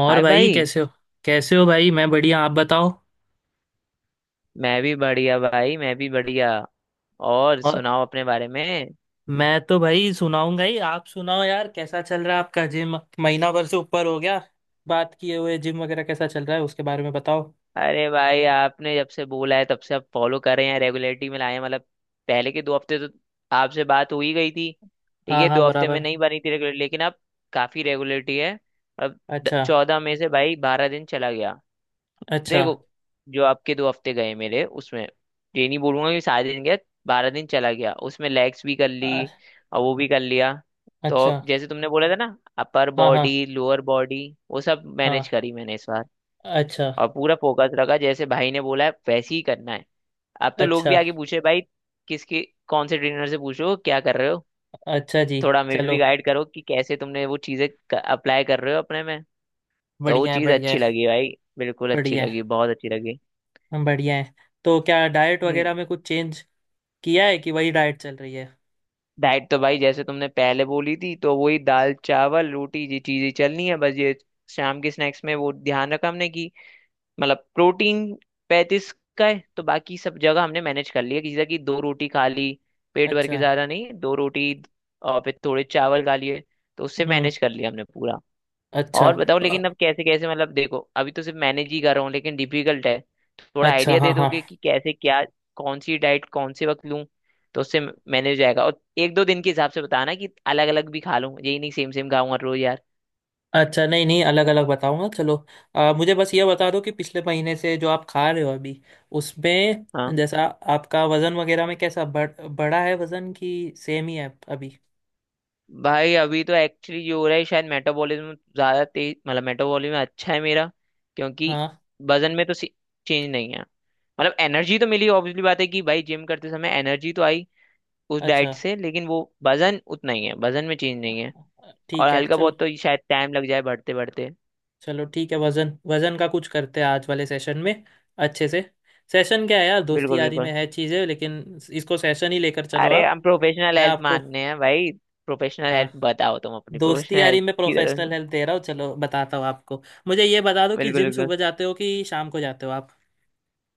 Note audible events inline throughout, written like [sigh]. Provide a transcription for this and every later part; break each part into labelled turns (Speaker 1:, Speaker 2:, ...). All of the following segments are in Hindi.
Speaker 1: और
Speaker 2: हाय
Speaker 1: भाई
Speaker 2: भाई।
Speaker 1: कैसे हो। कैसे हो भाई? मैं बढ़िया, आप बताओ।
Speaker 2: मैं भी बढ़िया भाई, मैं भी बढ़िया। और
Speaker 1: और,
Speaker 2: सुनाओ अपने बारे में।
Speaker 1: मैं तो भाई सुनाऊंगा ही, आप सुनाओ यार, कैसा चल रहा है आपका जिम? महीना भर से ऊपर हो गया बात किए हुए, जिम वगैरह कैसा चल रहा है उसके बारे में बताओ।
Speaker 2: अरे भाई, आपने जब से बोला है तब से आप फॉलो कर रहे हैं, रेगुलरिटी में लाए हैं। मतलब पहले के 2 हफ्ते तो आपसे बात हो ही गई थी। ठीक
Speaker 1: हाँ
Speaker 2: है,
Speaker 1: हाँ,
Speaker 2: 2 हफ्ते में
Speaker 1: बराबर।
Speaker 2: नहीं बनी थी रेगुलर, लेकिन अब काफी रेगुलरिटी है। अब
Speaker 1: अच्छा।
Speaker 2: 14 मई से भाई 12 दिन चला गया।
Speaker 1: अच्छा।
Speaker 2: देखो, जो आपके 2 हफ्ते गए मेरे उसमें, ये नहीं बोलूंगा कि सारे दिन गया। 12 दिन चला गया, उसमें लेग्स भी कर ली
Speaker 1: अ-
Speaker 2: और वो भी कर लिया।
Speaker 1: अच्छा।
Speaker 2: तो जैसे तुमने बोला था ना, अपर
Speaker 1: हाँ हाँ
Speaker 2: बॉडी लोअर बॉडी, वो सब मैनेज
Speaker 1: हाँ।
Speaker 2: करी मैंने इस बार।
Speaker 1: अच्छा।
Speaker 2: और पूरा फोकस रखा, जैसे भाई ने बोला है वैसे ही करना है। अब तो लोग भी
Speaker 1: अच्छा।
Speaker 2: आगे पूछे भाई, किसके, कौन से ट्रेनर से पूछो क्या कर रहे हो।
Speaker 1: अच्छा जी।
Speaker 2: थोड़ा हमें
Speaker 1: चलो।
Speaker 2: भी गाइड करो कि कैसे तुमने वो चीजें अप्लाई कर रहे हो अपने में। तो वो
Speaker 1: बढ़िया है,
Speaker 2: चीज
Speaker 1: बढ़िया
Speaker 2: अच्छी
Speaker 1: है।
Speaker 2: लगी भाई, बिल्कुल अच्छी
Speaker 1: बढ़िया
Speaker 2: लगी, बहुत अच्छी लगी।
Speaker 1: है, बढ़िया है। तो क्या डाइट
Speaker 2: हम्म,
Speaker 1: वगैरह में कुछ चेंज किया है कि वही डाइट चल रही है?
Speaker 2: डाइट तो भाई जैसे तुमने पहले बोली थी, तो वही दाल चावल रोटी, ये चीजें चलनी है बस। ये शाम के स्नैक्स में वो ध्यान रखा हमने कि मतलब प्रोटीन 35 का है, तो बाकी सब जगह हमने मैनेज कर लिया, किसी तरह की दो रोटी खा ली, पेट भर के
Speaker 1: अच्छा।
Speaker 2: ज्यादा नहीं, दो रोटी। और फिर थोड़े चावल खा लिए, तो उससे
Speaker 1: हम्म।
Speaker 2: मैनेज कर लिया हमने पूरा।
Speaker 1: अच्छा।
Speaker 2: और बताओ, लेकिन अब कैसे कैसे, मतलब देखो, अभी तो सिर्फ मैनेज ही कर रहा हूँ, लेकिन डिफिकल्ट है। थोड़ा
Speaker 1: अच्छा।
Speaker 2: आइडिया दे
Speaker 1: हाँ हाँ।
Speaker 2: दोगे कि कैसे क्या, कौन सी डाइट, कौन से वक्त लूँ, तो उससे मैनेज हो जाएगा। और एक दो दिन के हिसाब से बताना कि अलग अलग भी खा लूँ, यही नहीं सेम सेम खाऊंगा रोज यार।
Speaker 1: अच्छा, नहीं नहीं, अलग अलग बताऊंगा, चलो। मुझे बस ये बता दो कि पिछले महीने से जो आप खा रहे हो अभी, उसमें
Speaker 2: हाँ
Speaker 1: जैसा आपका वजन वगैरह में कैसा बढ़ा है, वजन कि सेम ही है अभी?
Speaker 2: भाई, अभी तो एक्चुअली जो हो रहा है, शायद मेटाबॉलिज्म ज्यादा तेज, मतलब मेटाबॉलिज्म अच्छा है मेरा, क्योंकि
Speaker 1: हाँ।
Speaker 2: वजन में तो चेंज नहीं है। मतलब एनर्जी तो मिली, ऑब्वियसली बात है कि भाई जिम करते समय एनर्जी तो आई उस
Speaker 1: अच्छा।
Speaker 2: डाइट से, लेकिन वो वजन उतना ही है, वजन में चेंज नहीं है। और
Speaker 1: ठीक है,
Speaker 2: हल्का
Speaker 1: चलो।
Speaker 2: बहुत तो शायद टाइम लग जाए बढ़ते बढ़ते।
Speaker 1: चलो, ठीक है, वजन वजन का कुछ करते हैं आज वाले सेशन में, अच्छे से। सेशन क्या है यार, दोस्ती
Speaker 2: बिल्कुल
Speaker 1: यारी में
Speaker 2: बिल्कुल।
Speaker 1: है चीज़ें, लेकिन इसको सेशन ही लेकर चलो
Speaker 2: अरे
Speaker 1: आप।
Speaker 2: हम प्रोफेशनल
Speaker 1: मैं
Speaker 2: हेल्प
Speaker 1: आपको।
Speaker 2: मानने हैं भाई। प्रोफेशनल
Speaker 1: हाँ।
Speaker 2: हेल्प बताओ तुम, अपनी
Speaker 1: दोस्ती
Speaker 2: प्रोफेशनल
Speaker 1: यारी
Speaker 2: हेल्प
Speaker 1: में
Speaker 2: की
Speaker 1: प्रोफेशनल
Speaker 2: तरफ।
Speaker 1: हेल्प दे रहा हूँ, चलो बताता हूँ आपको। मुझे ये बता दो कि
Speaker 2: बिल्कुल
Speaker 1: जिम
Speaker 2: बिल्कुल।
Speaker 1: सुबह जाते हो कि शाम को जाते हो आप?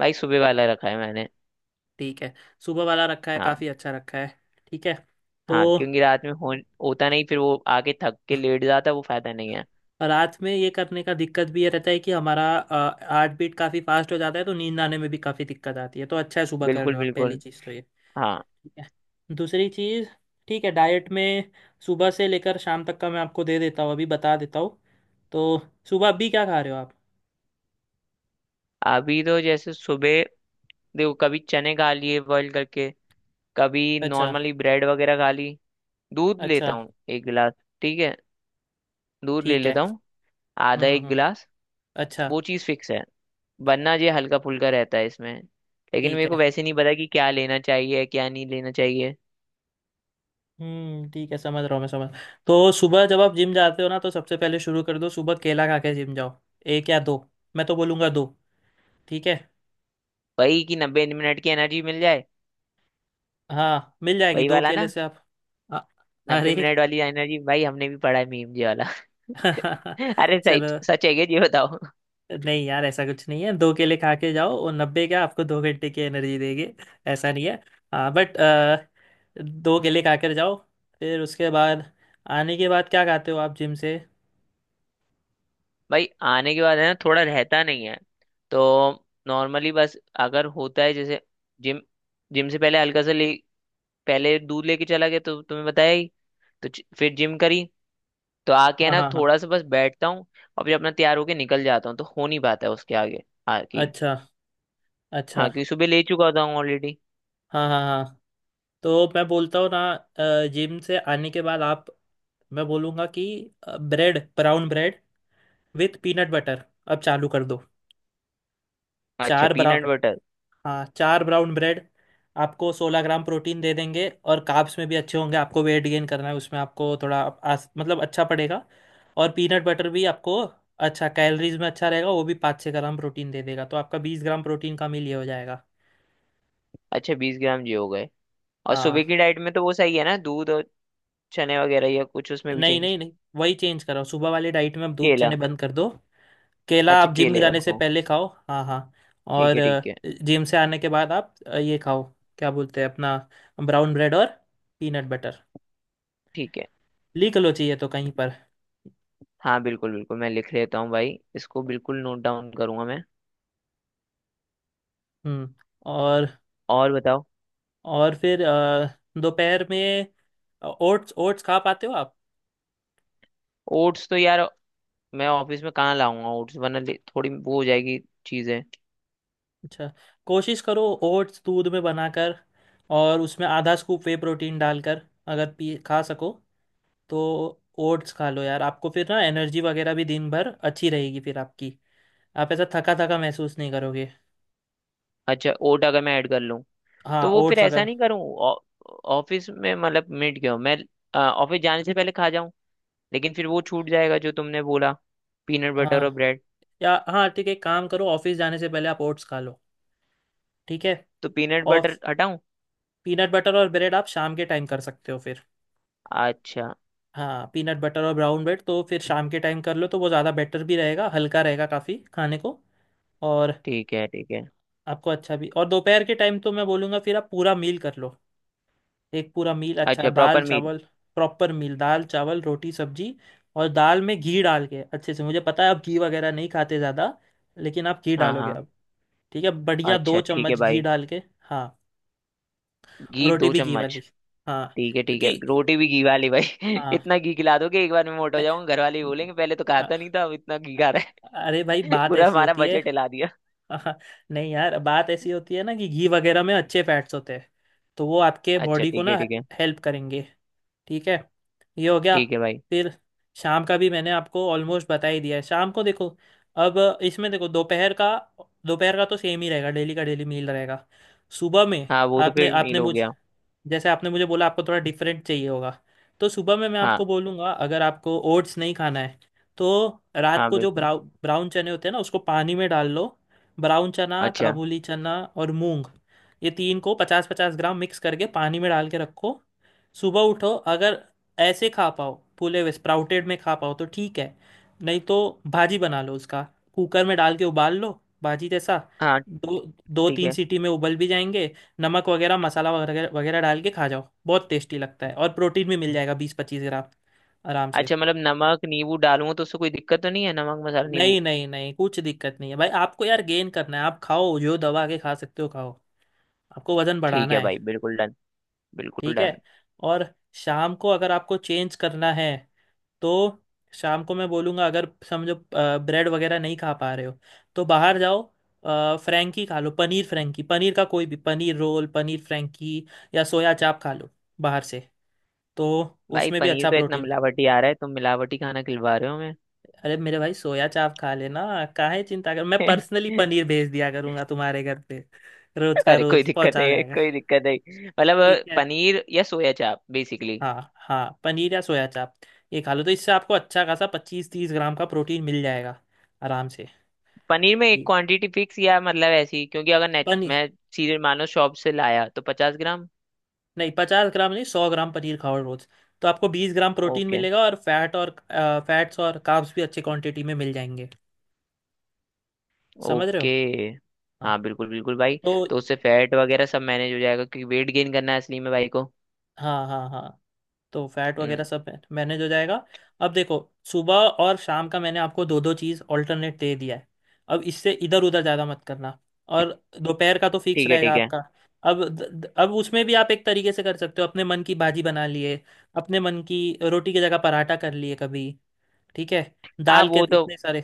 Speaker 2: भाई सुबह वाला रखा है मैंने।
Speaker 1: ठीक है। सुबह वाला रखा है,
Speaker 2: हाँ
Speaker 1: काफ़ी अच्छा रखा है। ठीक है।
Speaker 2: हाँ,
Speaker 1: तो
Speaker 2: क्योंकि रात में हो होता नहीं, फिर वो आके थक के लेट जाता, वो फायदा नहीं है।
Speaker 1: रात में ये करने का दिक्कत भी ये रहता है कि हमारा हार्ट बीट काफ़ी फास्ट हो जाता है, तो नींद आने में भी काफ़ी दिक्कत आती है। तो अच्छा है सुबह कर रहे
Speaker 2: बिल्कुल
Speaker 1: हो आप, पहली
Speaker 2: बिल्कुल।
Speaker 1: चीज़ तो ये।
Speaker 2: हाँ
Speaker 1: ठीक है। दूसरी चीज़, ठीक है, डाइट में सुबह से लेकर शाम तक का मैं आपको दे देता हूँ, अभी बता देता हूँ। तो सुबह अभी क्या खा रहे हो आप?
Speaker 2: अभी तो जैसे सुबह, देखो, कभी चने खा लिए बॉईल करके, कभी
Speaker 1: अच्छा।
Speaker 2: नॉर्मली ब्रेड वगैरह खा ली, दूध लेता
Speaker 1: अच्छा।
Speaker 2: हूँ एक गिलास। ठीक है, दूध ले
Speaker 1: ठीक है।
Speaker 2: लेता हूँ, आधा
Speaker 1: हम्म हम्म
Speaker 2: एक
Speaker 1: हम्म,
Speaker 2: गिलास।
Speaker 1: अच्छा।
Speaker 2: वो चीज़ फिक्स है, वरना ये हल्का फुल्का रहता है इसमें, लेकिन
Speaker 1: ठीक
Speaker 2: मेरे को
Speaker 1: है।
Speaker 2: वैसे नहीं पता कि क्या लेना चाहिए क्या नहीं लेना चाहिए।
Speaker 1: हम्म, ठीक है, समझ रहा हूँ मैं, समझ। तो सुबह जब आप जिम जाते हो ना, तो सबसे पहले शुरू कर दो, सुबह केला खा के जिम जाओ। एक या दो? मैं तो बोलूँगा दो। ठीक है।
Speaker 2: वही कि 90 मिनट की एनर्जी मिल जाए।
Speaker 1: हाँ, मिल जाएगी
Speaker 2: वही
Speaker 1: दो
Speaker 2: वाला
Speaker 1: केले
Speaker 2: ना,
Speaker 1: से आप। अ-
Speaker 2: नब्बे
Speaker 1: अरे!
Speaker 2: मिनट वाली एनर्जी भाई, हमने भी पढ़ा है, मीम ये वाला।
Speaker 1: [laughs]
Speaker 2: [laughs] अरे, सच
Speaker 1: चलो।
Speaker 2: सच है क्या ये बताओ।
Speaker 1: नहीं यार, ऐसा कुछ नहीं है, दो केले खा के जाओ, और 90 क्या, आपको 2 घंटे की एनर्जी देंगे। ऐसा नहीं है। हाँ, बट दो केले खा कर जाओ। फिर उसके बाद, आने के बाद क्या खाते हो आप जिम से?
Speaker 2: भाई आने के बाद है ना, थोड़ा रहता नहीं है। तो नॉर्मली बस अगर होता है, जैसे जिम जिम से पहले हल्का सा ले, पहले दूध लेके चला गया तो तुम्हें बताया ही। तो फिर जिम करी, तो आके है
Speaker 1: हाँ
Speaker 2: ना
Speaker 1: हाँ हाँ।
Speaker 2: थोड़ा सा बस बैठता हूँ, और फिर अपना तैयार होके निकल जाता हूँ, तो हो नहीं पाता है उसके आगे आगे।
Speaker 1: अच्छा।
Speaker 2: हाँ
Speaker 1: अच्छा।
Speaker 2: क्योंकि सुबह ले चुका होता हूँ ऑलरेडी।
Speaker 1: हाँ हाँ हाँ। तो मैं बोलता हूँ ना, जिम से आने के बाद आप, मैं बोलूँगा कि bread, brown bread with peanut butter अब चालू कर दो।
Speaker 2: अच्छा,
Speaker 1: चार ब्राउन।
Speaker 2: Peanut butter.
Speaker 1: हाँ, चार ब्राउन ब्रेड आपको 16 ग्राम प्रोटीन दे देंगे और कार्ब्स में भी अच्छे होंगे, आपको वेट गेन करना है उसमें आपको थोड़ा मतलब अच्छा पड़ेगा। और पीनट बटर भी आपको अच्छा, कैलोरीज में अच्छा रहेगा, वो भी 5-6 ग्राम प्रोटीन दे देगा, तो आपका 20 ग्राम प्रोटीन का मील ये हो जाएगा।
Speaker 2: अच्छा, 20 ग्राम ये हो गए। और सुबह
Speaker 1: हाँ।
Speaker 2: की डाइट में तो वो सही है ना, दूध और चने वगैरह, या कुछ उसमें भी
Speaker 1: नहीं
Speaker 2: चेंज?
Speaker 1: नहीं नहीं, वही चेंज करो, सुबह वाली डाइट में आप दूध
Speaker 2: केला?
Speaker 1: चने बंद कर दो। केला
Speaker 2: अच्छा,
Speaker 1: आप जिम
Speaker 2: केले
Speaker 1: जाने से
Speaker 2: रखो।
Speaker 1: पहले खाओ, हाँ हाँ।
Speaker 2: ठीक
Speaker 1: और
Speaker 2: है, ठीक है,
Speaker 1: जिम से आने के बाद आप ये खाओ, क्या बोलते हैं अपना, ब्राउन ब्रेड और पीनट बटर।
Speaker 2: ठीक है।
Speaker 1: लिख लो चाहिए तो कहीं पर।
Speaker 2: हाँ बिल्कुल बिल्कुल, मैं लिख लेता हूँ भाई, इसको बिल्कुल नोट डाउन करूंगा मैं।
Speaker 1: हम्म। और
Speaker 2: और बताओ।
Speaker 1: और फिर दोपहर में ओट्स, ओट्स खा पाते हो आप?
Speaker 2: ओट्स तो यार, मैं ऑफिस में कहाँ लाऊंगा ओट्स, वरना थोड़ी वो हो जाएगी चीजें।
Speaker 1: अच्छा। कोशिश करो ओट्स दूध में बनाकर और उसमें आधा स्कूप वे प्रोटीन डालकर, अगर पी खा सको तो। ओट्स खा लो यार, आपको फिर ना एनर्जी वगैरह भी दिन भर अच्छी रहेगी फिर आपकी, आप ऐसा थका थका महसूस नहीं करोगे।
Speaker 2: अच्छा, ओट अगर मैं ऐड कर लूँ,
Speaker 1: हाँ
Speaker 2: तो वो फिर
Speaker 1: ओट्स
Speaker 2: ऐसा
Speaker 1: अगर।
Speaker 2: नहीं करूं। ऑ- ऑफिस में मतलब मिट गया हूं, मैं ऑफिस जाने से पहले खा जाऊं, लेकिन फिर वो छूट जाएगा जो तुमने बोला, पीनट बटर और
Speaker 1: हाँ,
Speaker 2: ब्रेड।
Speaker 1: या हाँ, ठीक है, एक काम करो, ऑफिस जाने से पहले आप ओट्स खा लो। ठीक है।
Speaker 2: तो पीनट
Speaker 1: और
Speaker 2: बटर हटाऊं?
Speaker 1: पीनट बटर और ब्रेड आप शाम के टाइम कर सकते हो फिर।
Speaker 2: अच्छा।
Speaker 1: हाँ, पीनट बटर और ब्राउन ब्रेड तो फिर शाम के टाइम कर लो, तो वो ज़्यादा बेटर भी रहेगा, हल्का रहेगा काफ़ी खाने को और
Speaker 2: ठीक है ठीक है।
Speaker 1: आपको अच्छा भी। और दोपहर के टाइम तो मैं बोलूँगा फिर आप पूरा मील कर लो, एक पूरा मील, अच्छा
Speaker 2: अच्छा,
Speaker 1: दाल
Speaker 2: प्रॉपर मील।
Speaker 1: चावल। प्रॉपर मील, दाल चावल रोटी सब्जी। और दाल में घी डाल के अच्छे से, मुझे पता है आप घी वगैरह नहीं खाते ज़्यादा, लेकिन आप घी
Speaker 2: हाँ
Speaker 1: डालोगे।
Speaker 2: हाँ।
Speaker 1: ठीक है, बढ़िया, दो
Speaker 2: अच्छा ठीक है
Speaker 1: चम्मच घी
Speaker 2: भाई।
Speaker 1: डाल के। हाँ। और
Speaker 2: घी
Speaker 1: रोटी
Speaker 2: दो
Speaker 1: भी घी
Speaker 2: चम्मच
Speaker 1: वाली। हाँ।
Speaker 2: ठीक है ठीक है,
Speaker 1: क्योंकि
Speaker 2: रोटी भी घी वाली भाई [laughs]
Speaker 1: हाँ।
Speaker 2: इतना घी खिला दोगे एक बार में मोटा हो जाऊंगा, घर वाले ही
Speaker 1: नहीं,
Speaker 2: बोलेंगे पहले तो खाता नहीं था अब इतना घी खा रहा
Speaker 1: अरे भाई,
Speaker 2: है। [laughs]
Speaker 1: बात
Speaker 2: पूरा
Speaker 1: ऐसी
Speaker 2: हमारा
Speaker 1: होती है।
Speaker 2: बजट हिला दिया।
Speaker 1: [laughs] नहीं यार, बात ऐसी होती है ना कि घी वगैरह में अच्छे फैट्स होते हैं, तो वो आपके
Speaker 2: अच्छा
Speaker 1: बॉडी को
Speaker 2: ठीक
Speaker 1: ना
Speaker 2: है ठीक है।
Speaker 1: हेल्प करेंगे। ठीक है, ये हो गया।
Speaker 2: ठीक है भाई।
Speaker 1: फिर शाम का भी मैंने आपको ऑलमोस्ट बता ही दिया है, शाम को देखो। अब इसमें देखो, दोपहर का, दोपहर का तो सेम ही रहेगा, डेली का डेली मील रहेगा। सुबह में
Speaker 2: हाँ वो तो
Speaker 1: आपने
Speaker 2: फिर मील
Speaker 1: आपने
Speaker 2: हो
Speaker 1: मुझ
Speaker 2: गया।
Speaker 1: जैसे आपने मुझे बोला, आपको थोड़ा डिफरेंट चाहिए होगा, तो सुबह में मैं
Speaker 2: हाँ
Speaker 1: आपको बोलूँगा, अगर आपको ओट्स नहीं खाना है तो रात
Speaker 2: हाँ
Speaker 1: को जो
Speaker 2: बिल्कुल।
Speaker 1: ब्राउन चने होते हैं ना, उसको पानी में डाल लो। ब्राउन चना,
Speaker 2: अच्छा।
Speaker 1: काबुली चना और मूंग, ये तीन को 50-50 ग्राम मिक्स करके पानी में डाल के रखो। सुबह उठो, अगर ऐसे खा पाओ, फूले हुए स्प्राउटेड में खा पाओ तो ठीक है, नहीं तो भाजी बना लो उसका। कुकर में डाल के उबाल लो, भाजी जैसा।
Speaker 2: हाँ।
Speaker 1: दो, दो
Speaker 2: ठीक
Speaker 1: तीन
Speaker 2: है।
Speaker 1: सीटी में उबल भी जाएंगे। नमक वगैरह, मसाला वगैरह वगैरह डाल के खा जाओ, बहुत टेस्टी लगता है और प्रोटीन भी मिल जाएगा 20-25 ग्राम आराम से।
Speaker 2: अच्छा मतलब नमक नींबू डालूंगा तो उससे कोई दिक्कत तो नहीं है, नमक मसाला नींबू?
Speaker 1: नहीं नहीं नहीं, कुछ दिक्कत नहीं है भाई, आपको यार गेन करना है, आप खाओ जो दबा के खा सकते हो खाओ, आपको वजन
Speaker 2: ठीक
Speaker 1: बढ़ाना
Speaker 2: है
Speaker 1: है।
Speaker 2: भाई, बिल्कुल डन, बिल्कुल
Speaker 1: ठीक
Speaker 2: डन।
Speaker 1: है। और शाम को अगर आपको चेंज करना है तो शाम को मैं बोलूँगा, अगर समझो ब्रेड वगैरह नहीं खा पा रहे हो तो बाहर जाओ, फ्रैंकी खा लो, पनीर फ्रैंकी, पनीर का कोई भी, पनीर रोल, पनीर फ्रैंकी या सोया चाप खा लो बाहर से, तो
Speaker 2: भाई
Speaker 1: उसमें भी
Speaker 2: पनीर
Speaker 1: अच्छा
Speaker 2: तो इतना
Speaker 1: प्रोटीन।
Speaker 2: मिलावटी आ रहा है, तुम मिलावटी खाना खिलवा रहे हो हमें।
Speaker 1: अरे मेरे भाई, सोया चाप खा लेना, काहे चिंता कर, मैं पर्सनली
Speaker 2: [laughs]
Speaker 1: पनीर भेज दिया करूंगा तुम्हारे घर पे, रोज का
Speaker 2: अरे कोई
Speaker 1: रोज
Speaker 2: दिक्कत
Speaker 1: पहुंचा
Speaker 2: नहीं है,
Speaker 1: जाएगा।
Speaker 2: कोई दिक्कत नहीं, मतलब
Speaker 1: ठीक है,
Speaker 2: पनीर या सोया चाप बेसिकली।
Speaker 1: हाँ हाँ, पनीर या सोया चाप, ये खा लो तो इससे आपको अच्छा खासा 25-30 ग्राम का प्रोटीन मिल जाएगा आराम से।
Speaker 2: पनीर में एक
Speaker 1: ठीक।
Speaker 2: क्वांटिटी फिक्स, या मतलब ऐसी, क्योंकि अगर नेट
Speaker 1: पनीर,
Speaker 2: मैं सीधे मानो शॉप से लाया तो 50 ग्राम?
Speaker 1: नहीं 50 ग्राम नहीं, 100 ग्राम पनीर खाओ रोज, तो आपको 20 ग्राम प्रोटीन
Speaker 2: ओके।
Speaker 1: मिलेगा और फैट और फैट्स और कार्ब्स भी अच्छी क्वांटिटी में मिल जाएंगे। समझ रहे हो?
Speaker 2: ओके।
Speaker 1: हाँ।
Speaker 2: हाँ बिल्कुल बिल्कुल भाई।
Speaker 1: तो
Speaker 2: तो उससे फैट वगैरह सब मैनेज हो जाएगा, क्योंकि वेट गेन करना है असली में भाई को।
Speaker 1: हाँ हाँ हाँ, तो फैट
Speaker 2: हम्म,
Speaker 1: वगैरह सब मैनेज हो जाएगा। अब देखो, सुबह और शाम का मैंने आपको दो दो चीज़ ऑल्टरनेट दे दिया है, अब इससे इधर उधर ज़्यादा मत करना। और दोपहर का तो फिक्स
Speaker 2: ठीक है
Speaker 1: रहेगा
Speaker 2: ठीक है।
Speaker 1: आपका। अब अब उसमें भी आप एक तरीके से कर सकते हो, अपने मन की भाजी बना लिए, अपने मन की रोटी की जगह पराठा कर लिए कभी। ठीक है,
Speaker 2: हाँ
Speaker 1: दाल के
Speaker 2: वो तो
Speaker 1: इतने सारे।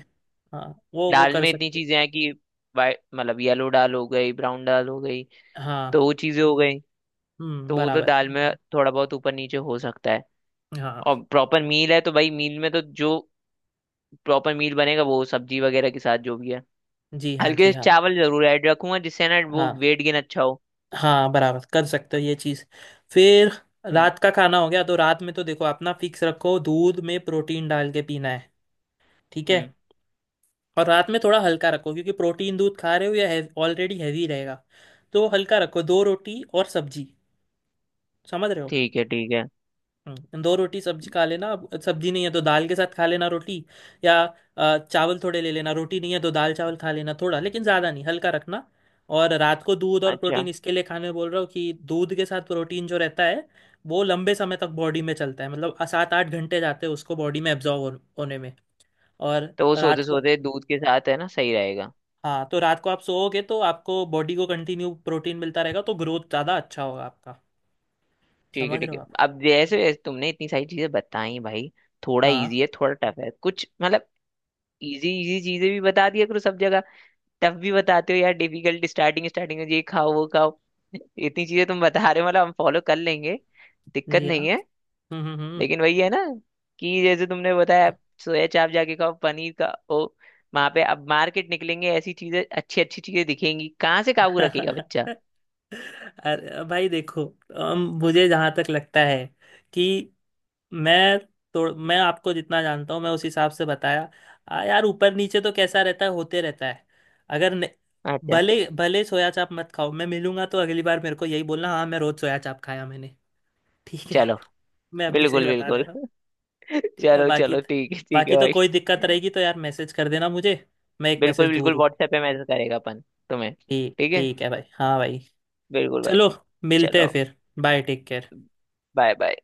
Speaker 1: हाँ, वो
Speaker 2: दाल
Speaker 1: कर
Speaker 2: में इतनी
Speaker 1: सकते
Speaker 2: चीजें हैं कि, वाइट मतलब येलो दाल हो गई, ब्राउन दाल हो गई,
Speaker 1: हो।
Speaker 2: तो
Speaker 1: हाँ।
Speaker 2: वो चीजें हो गई।
Speaker 1: हम्म,
Speaker 2: तो वो तो
Speaker 1: बराबर।
Speaker 2: दाल में थोड़ा बहुत ऊपर नीचे हो सकता है।
Speaker 1: हाँ।
Speaker 2: और प्रॉपर मील है तो भाई मील में तो जो प्रॉपर मील बनेगा वो सब्जी वगैरह के साथ जो भी है,
Speaker 1: जी हाँ, जी
Speaker 2: हल्के से
Speaker 1: हाँ।
Speaker 2: चावल जरूर ऐड रखूंगा जिससे ना वो
Speaker 1: हाँ
Speaker 2: वेट गेन अच्छा हो।
Speaker 1: हाँ, बराबर, कर सकते हो ये चीज़। फिर
Speaker 2: हम्म
Speaker 1: रात का खाना हो गया, तो रात में तो देखो अपना फिक्स रखो, दूध में प्रोटीन डाल के पीना है। ठीक है।
Speaker 2: हम्म।
Speaker 1: और रात में थोड़ा हल्का रखो, क्योंकि प्रोटीन दूध खा रहे हो या ऑलरेडी हैवी रहेगा, तो हल्का रखो, दो रोटी और सब्जी। समझ रहे हो?
Speaker 2: ठीक है ठीक है।
Speaker 1: दो रोटी सब्जी खा लेना, अब सब्जी नहीं है तो दाल के साथ खा लेना रोटी, या चावल थोड़े ले लेना, रोटी नहीं है तो दाल चावल खा लेना थोड़ा, लेकिन ज़्यादा नहीं, हल्का रखना। और रात को दूध और
Speaker 2: अच्छा,
Speaker 1: प्रोटीन इसके लिए खाने बोल रहा हूँ कि दूध के साथ प्रोटीन जो रहता है वो लंबे समय तक बॉडी में चलता है, मतलब 7-8 घंटे जाते हैं उसको बॉडी में एब्जॉर्व होने में। और
Speaker 2: तो वो
Speaker 1: रात
Speaker 2: सोते
Speaker 1: को,
Speaker 2: सोते दूध के साथ है ना, सही रहेगा।
Speaker 1: हाँ तो रात को आप सोओगे तो आपको बॉडी को कंटिन्यू प्रोटीन मिलता रहेगा तो ग्रोथ ज़्यादा अच्छा होगा आपका।
Speaker 2: ठीक है
Speaker 1: समझ रहे
Speaker 2: ठीक
Speaker 1: हो
Speaker 2: है,
Speaker 1: आप?
Speaker 2: अब जैसे जैसे तुमने इतनी सारी चीजें बताई भाई, थोड़ा
Speaker 1: हाँ
Speaker 2: इजी है थोड़ा टफ है कुछ, मतलब इजी इजी चीजें भी बता दिया करो सब जगह। टफ भी बताते हो यार, डिफिकल्ट, स्टार्टिंग स्टार्टिंग में ये खाओ वो खाओ। इतनी चीजें तुम बता रहे हो, मतलब हम फॉलो कर लेंगे, दिक्कत
Speaker 1: जी हाँ।
Speaker 2: नहीं है।
Speaker 1: हम्म।
Speaker 2: लेकिन वही है ना, कि जैसे तुमने बताया सोया चाप जाके खाओ, पनीर का ओ, वहां पे अब मार्केट निकलेंगे, ऐसी चीजें, अच्छी अच्छी चीजें दिखेंगी, कहाँ से काबू रखेगा
Speaker 1: [laughs]
Speaker 2: बच्चा।
Speaker 1: अरे भाई देखो, मुझे जहां तक लगता है कि मैं, तो मैं आपको जितना जानता हूँ मैं उस हिसाब से बताया। यार ऊपर नीचे तो कैसा रहता है, होते रहता है। अगर न,
Speaker 2: अच्छा।
Speaker 1: भले भले सोया चाप मत खाओ, मैं मिलूंगा तो अगली बार मेरे को यही बोलना, हाँ मैं रोज सोया चाप खाया मैंने। ठीक है।
Speaker 2: चलो।
Speaker 1: [laughs] मैं अभी से ही
Speaker 2: बिल्कुल
Speaker 1: बता दे
Speaker 2: बिल्कुल।
Speaker 1: रहा हूँ। ठीक है,
Speaker 2: चलो
Speaker 1: बाकी,
Speaker 2: चलो ठीक है
Speaker 1: बाकी तो
Speaker 2: भाई।
Speaker 1: कोई दिक्कत रहेगी तो यार मैसेज कर देना मुझे, मैं एक
Speaker 2: बिल्कुल
Speaker 1: मैसेज दूर
Speaker 2: बिल्कुल,
Speaker 1: हूँ।
Speaker 2: व्हाट्सएप पे मैसेज करेगा अपन तुम्हें।
Speaker 1: ठीक,
Speaker 2: ठीक है।
Speaker 1: ठीक है भाई, हाँ भाई।
Speaker 2: बिल्कुल भाई।
Speaker 1: चलो, मिलते हैं
Speaker 2: चलो।
Speaker 1: फिर। Bye, take care.
Speaker 2: Bye bye.